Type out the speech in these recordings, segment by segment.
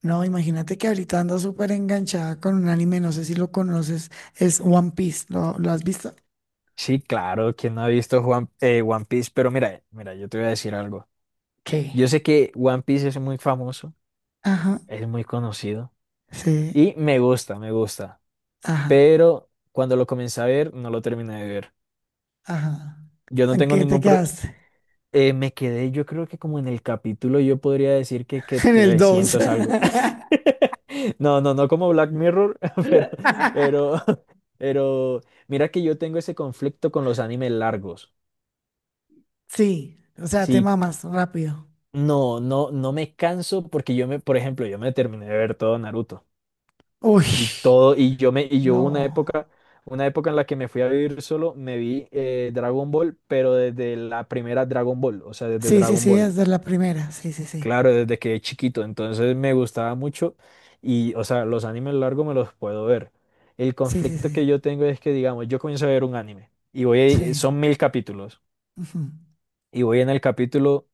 No, imagínate que ahorita ando súper enganchada con un anime, no sé si lo conoces, es One Piece, ¿lo has visto? Sí, claro, ¿quién no ha visto One Piece? Pero mira, mira, yo te voy a decir algo. ¿Qué? Yo sé que One Piece es muy famoso, Ajá, es muy conocido sí, y me gusta, me gusta. ajá, Pero cuando lo comencé a ver, no lo terminé de ver. ajá. Yo no ¿En tengo qué te ningún pro- quedaste? Me quedé, yo creo que como en el capítulo, yo podría decir que En el dos. 300 algo. No, no, no como Black Mirror, pero, pero, pero mira que yo tengo ese conflicto con los animes largos. Sí, o sea, te Si. mamas rápido. No, no, no me canso porque por ejemplo, yo me terminé de ver todo Naruto Uy, y todo, y yo me, y yo hubo no. Una época en la que me fui a vivir solo, me vi Dragon Ball, pero desde la primera Dragon Ball, o sea, desde Sí, sí, Dragon sí, Ball, es de la primera, sí, sí, sí, claro, desde que chiquito, entonces me gustaba mucho y, o sea, los animes largos me los puedo ver. El sí, sí, conflicto sí, que yo tengo es que, digamos, yo comienzo a ver un anime y voy, sí, son 1000 capítulos ujú. y voy en el capítulo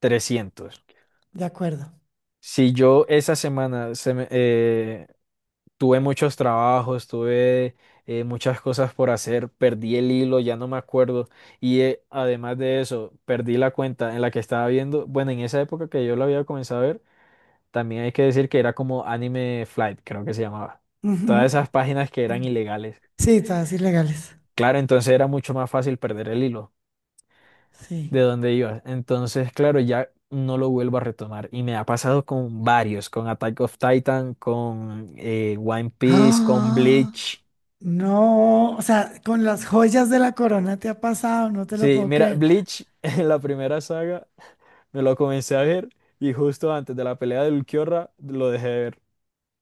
300. De acuerdo. Si yo esa semana tuve muchos trabajos, tuve muchas cosas por hacer, perdí el hilo, ya no me acuerdo. Y además de eso, perdí la cuenta en la que estaba viendo. Bueno, en esa época que yo lo había comenzado a ver, también hay que decir que era como Anime Flight, creo que se llamaba. Todas Ujú. esas páginas que eran ilegales. Sí, todas ilegales, Claro, entonces era mucho más fácil perder el hilo de sí. donde iba. Entonces, claro, ya no lo vuelvo a retomar. Y me ha pasado con varios, con Attack of Titan, con One Piece, con ¡Ah! Bleach. No, o sea, con las joyas de la corona te ha pasado, no te lo Sí, puedo mira, creer. Bleach en la primera saga me lo comencé a ver y justo antes de la pelea del Kyora lo dejé de ver.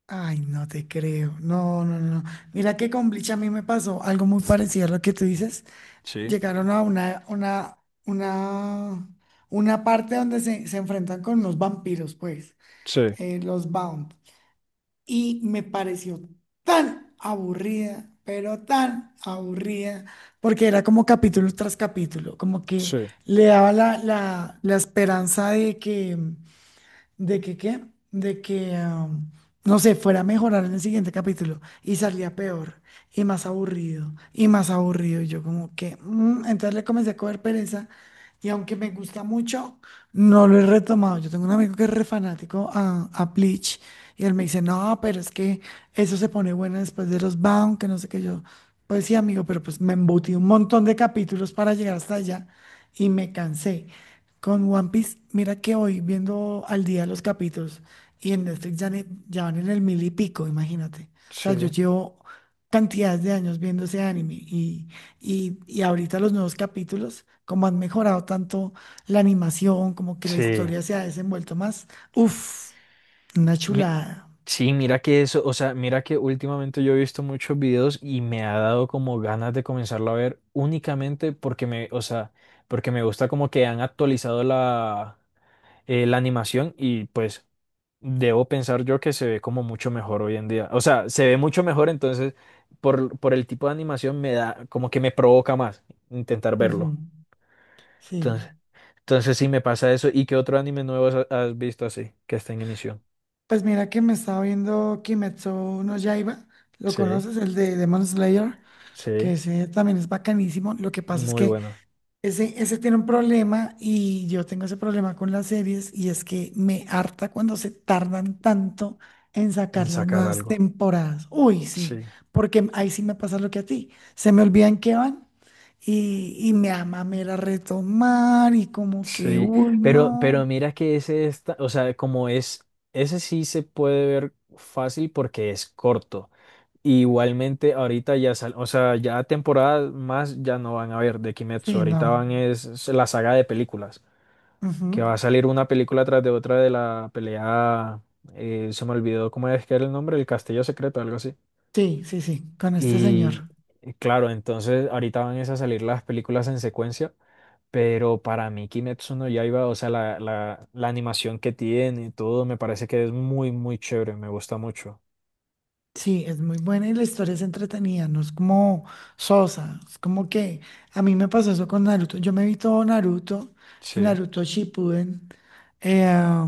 Ay, no te creo. No, no, no. Mira que con Bleach a mí me pasó algo muy parecido a lo que tú dices. Sí, Llegaron a una, una parte donde se enfrentan con los vampiros, pues, sí, los Bound, y me pareció tan aburrida, pero tan aburrida, porque era como capítulo tras capítulo, como que sí, le daba la esperanza de que qué, de que, no sé, fuera a mejorar en el siguiente capítulo y salía peor y más aburrido y más aburrido. Y yo como que, entonces le comencé a coger pereza y aunque me gusta mucho, no lo he retomado. Yo tengo un amigo que es re fanático a Bleach y él me dice, no, pero es que eso se pone bueno después de los Bound, que no sé qué yo. Pues sí, amigo, pero pues me embutí un montón de capítulos para llegar hasta allá y me cansé. Con One Piece, mira que hoy viendo al día los capítulos y en Netflix ya, ya van en el mil y pico, imagínate. O sea, sí, yo llevo cantidades de años viendo ese anime y, ahorita los nuevos capítulos, como han mejorado tanto la animación, como que la sí. historia se ha desenvuelto más. Uf, una Mi- chulada. Sí, mira que eso, o sea, mira que últimamente yo he visto muchos videos y me ha dado como ganas de comenzarlo a ver únicamente o sea, porque me gusta como que han actualizado la animación y pues debo pensar yo que se ve como mucho mejor hoy en día. O sea, se ve mucho mejor, entonces por el tipo de animación me da, como que me provoca más intentar Ujú. verlo. Sí. Entonces, entonces, sí me pasa eso. ¿Y qué otro anime nuevo has visto así que está en emisión? Pues mira que me estaba viendo Kimetsu no Yaiba, ¿lo Sí, conoces? El de Demon Slayer, que sí, ese también es bacanísimo. Lo que pasa es muy que bueno. ese tiene un problema y yo tengo ese problema con las series y es que me harta cuando se tardan tanto en En sacar las sacar nuevas algo. temporadas. Uy, sí, Sí, porque ahí sí me pasa lo que a ti. Se me olvidan que van y, me da mamera retomar y como que, sí. uy, Pero, no. pero mira que ese está, o sea, como es, ese sí se puede ver fácil porque es corto. Igualmente ahorita o sea, ya temporadas más ya no van a ver de Kimetsu. Sí, Ahorita no. van es la saga de películas, que Ujú. va a salir una película tras de otra de la pelea, se me olvidó cómo es que era el nombre, el Castillo Secreto, algo así. Sí, sí, sí, con este señor. Y claro, entonces ahorita van es a salir las películas en secuencia, pero para mí Kimetsu no Yaiba, o sea, la animación que tiene y todo, me parece que es muy, muy chévere, me gusta mucho. Sí, es muy buena y la historia es entretenida, no es como sosa, es como que a mí me pasó eso con Naruto. Yo me vi todo Naruto y Sí, Naruto Shippuden, eh,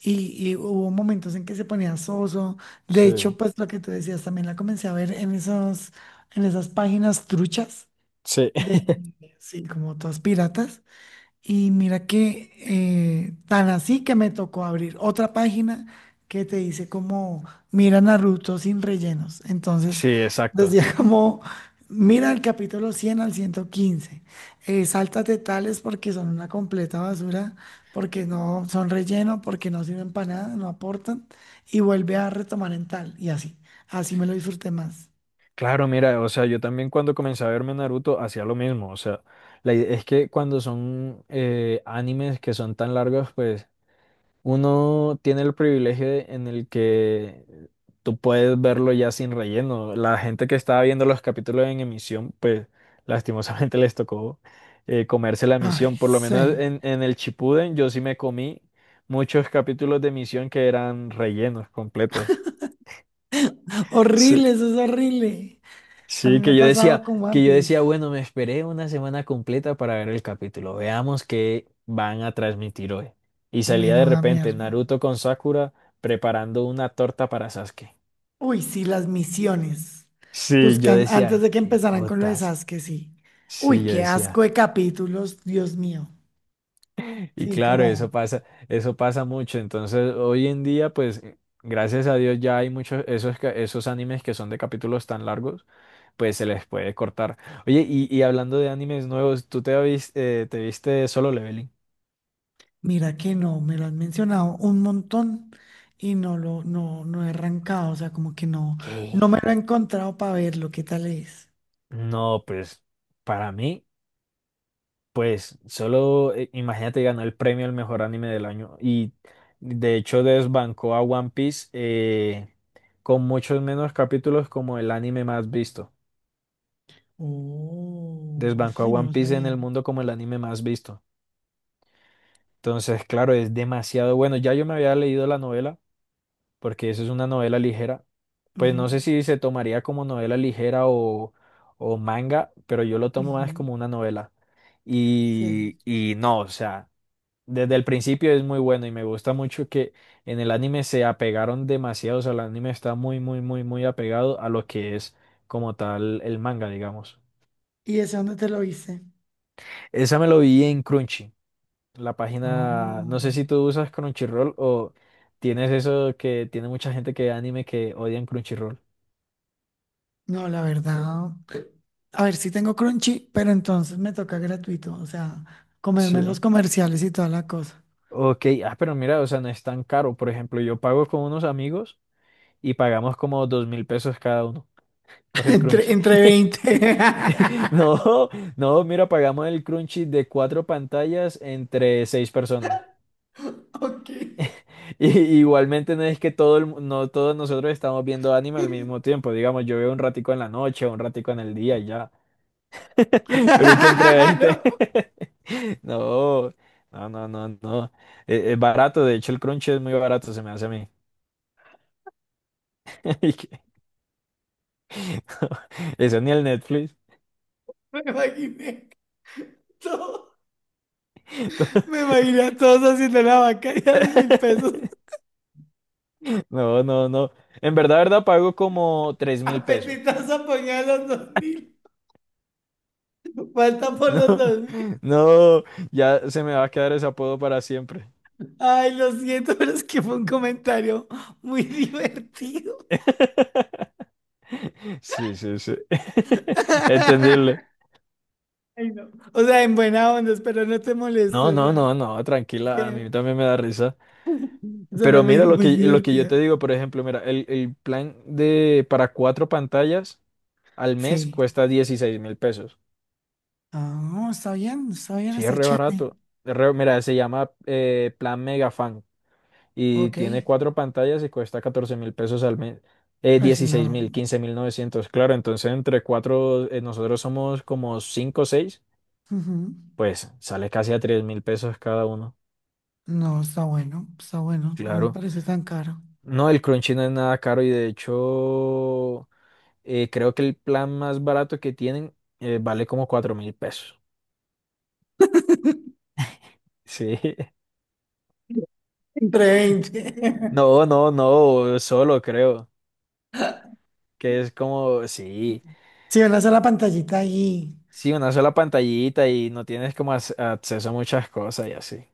y hubo momentos en que se ponía soso. De sí, hecho, pues lo que tú decías también la comencé a ver en en esas páginas truchas sí, de, sí, como todas piratas. Y mira que tan así que me tocó abrir otra página que te dice como mira Naruto sin rellenos. Entonces sí, exacto. decía como mira el capítulo 100 al 115. Sáltate tales porque son una completa basura, porque no son relleno, porque no sirven para nada, no aportan. Y vuelve a retomar en tal. Y así me lo disfruté más. Claro, mira, o sea, yo también cuando comencé a verme Naruto hacía lo mismo, o sea, es que cuando son animes que son tan largos, pues uno tiene el privilegio en el que tú puedes verlo ya sin relleno. La gente que estaba viendo los capítulos en emisión, pues lastimosamente les tocó comerse la Ay, emisión. Por lo menos sí. en el Chipuden yo sí me comí muchos capítulos de emisión que eran rellenos completos. Sí. Horrible, eso es horrible. A mí Sí, me ha que yo decía, pasado con One que yo Piece. decía, bueno, me esperé una semana completa para ver el capítulo. Veamos qué van a transmitir hoy. Y salía de Menuda repente mierda. Naruto con Sakura preparando una torta para Sasuke. Uy, sí, las misiones. Sí, yo Buscan, antes decía, de que qué empezaran con lo de putas. Sasuke, sí. Sí, Uy, yo qué decía. asco de capítulos, Dios mío. Y Sí, claro, como, eso pasa mucho. Entonces, hoy en día, pues, gracias a Dios ya hay muchos esos animes que son de capítulos tan largos, pues se les puede cortar. Oye, y hablando de animes nuevos, ¿tú te viste Solo Leveling? mira que no, me lo han mencionado un montón y no lo, no, no he arrancado, o sea, como que no, ¿Qué? no me lo he encontrado para verlo, qué tal es. No, pues, para mí, pues, solo imagínate ganó el premio al mejor anime del año y de hecho desbancó a One Piece con muchos menos capítulos como el anime más visto. Oh, eso Desbancó a sí, no One lo Piece en sabía. el mundo como el anime más visto. Entonces, claro, es demasiado bueno. Ya yo me había leído la novela, porque eso es una novela ligera. Pues Ujú, no sé si se tomaría como novela ligera o manga, pero yo lo tomo más ujú. como una novela. Sí. Y no, o sea, desde el principio es muy bueno y me gusta mucho que en el anime se apegaron demasiado, o sea, el anime está muy, muy, muy, muy apegado a lo que es como tal el manga, digamos. ¿Y ese dónde te lo hice? Esa me lo vi en Crunchy, la página, Oh. no sé si tú usas Crunchyroll o tienes eso que tiene mucha gente que ve anime que odian Crunchyroll. No, la verdad. A ver, sí tengo Crunchy, pero entonces me toca gratuito, o sea, comerme los Sí. comerciales y toda la cosa. Ok, ah, pero mira, o sea, no es tan caro. Por ejemplo, yo pago con unos amigos y pagamos como 2000 pesos cada uno por el Entre, Crunchy. entre 20. No, no, mira, pagamos el Crunchy de cuatro pantallas entre seis personas. Ok. Y, igualmente no es que no todos nosotros estamos viendo anime al mismo tiempo. Digamos, yo veo un ratico en la noche, un ratico en el día y ya. Pero ¿y que entre Claro, 20? No, no, no, no, no. Es barato, de hecho el crunch es muy barato, se me hace a mí. Y que- Eso ni el Netflix. me imaginé todo. Me imaginé a todos haciendo la vaca y a 2.000 pesos. No, no, no. En verdad, verdad, pago como 3000 pesos. Apetitoso ponía los 2.000. Falta por No, los 2.000. no, ya se me va a quedar ese apodo para siempre. Ay, lo siento, pero es que fue un comentario muy divertido. Sí, sí, sí. Entendible. Ay, no. O sea, en buena onda, espero no te moleste, No, o no, sea. no, no, Es tranquila, a mí que también me da risa. suena Pero mira muy, lo muy que, lo que yo te divertida. digo, por ejemplo, mira, el plan de para cuatro pantallas al mes Sí. cuesta 16000 pesos. Ah, no está bien, está bien, Sí, es está re chévere. barato. Mira, se llama plan Megafan y Ok. tiene cuatro pantallas y cuesta 14000 pesos al mes. Pues si 16 no. mil, 15900. Claro, entonces entre cuatro, nosotros somos como cinco o seis, Ujú. pues sale casi a 3000 pesos cada uno. No, está bueno, está bueno. No me Claro. parece tan caro. No, el Crunchy no es nada caro y de hecho. Creo que el plan más barato que tienen vale como 4000 pesos. Sí. Entre 20. No, no, no, solo creo. Que es como, sí, Si van a hacer la pantallita ahí. sí, una sola pantallita y no tienes como acceso a muchas cosas y así.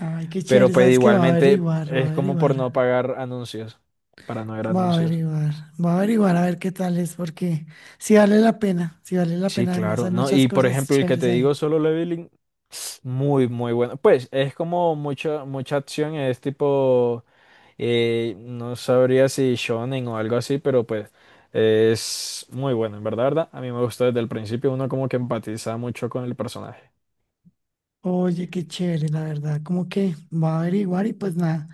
Ay, qué chévere. Pero pues Sabes que va a igualmente averiguar, va a es como por averiguar. no pagar anuncios, para no ver Va a anuncios. averiguar, va a averiguar a ver qué tal es, porque si vale la pena, si vale la Sí, pena. Además, hay claro, ¿no? muchas Y por cosas ejemplo, el que chéveres te digo, ahí. Solo Leveling, muy, muy bueno. Pues es como mucha, mucha acción, es tipo. No sabría si shonen o algo así, pero pues es muy bueno, en verdad, ¿verdad? A mí me gustó desde el principio, uno como que empatiza mucho con el personaje. Oye, qué chévere, la verdad. Como que va a averiguar y pues nada.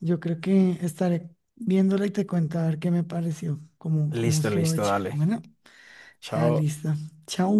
Yo creo que estaré viéndola y te cuento a ver qué me pareció, cómo Listo, estuvo listo, hecha. dale. Bueno, Chao. listo. Chao.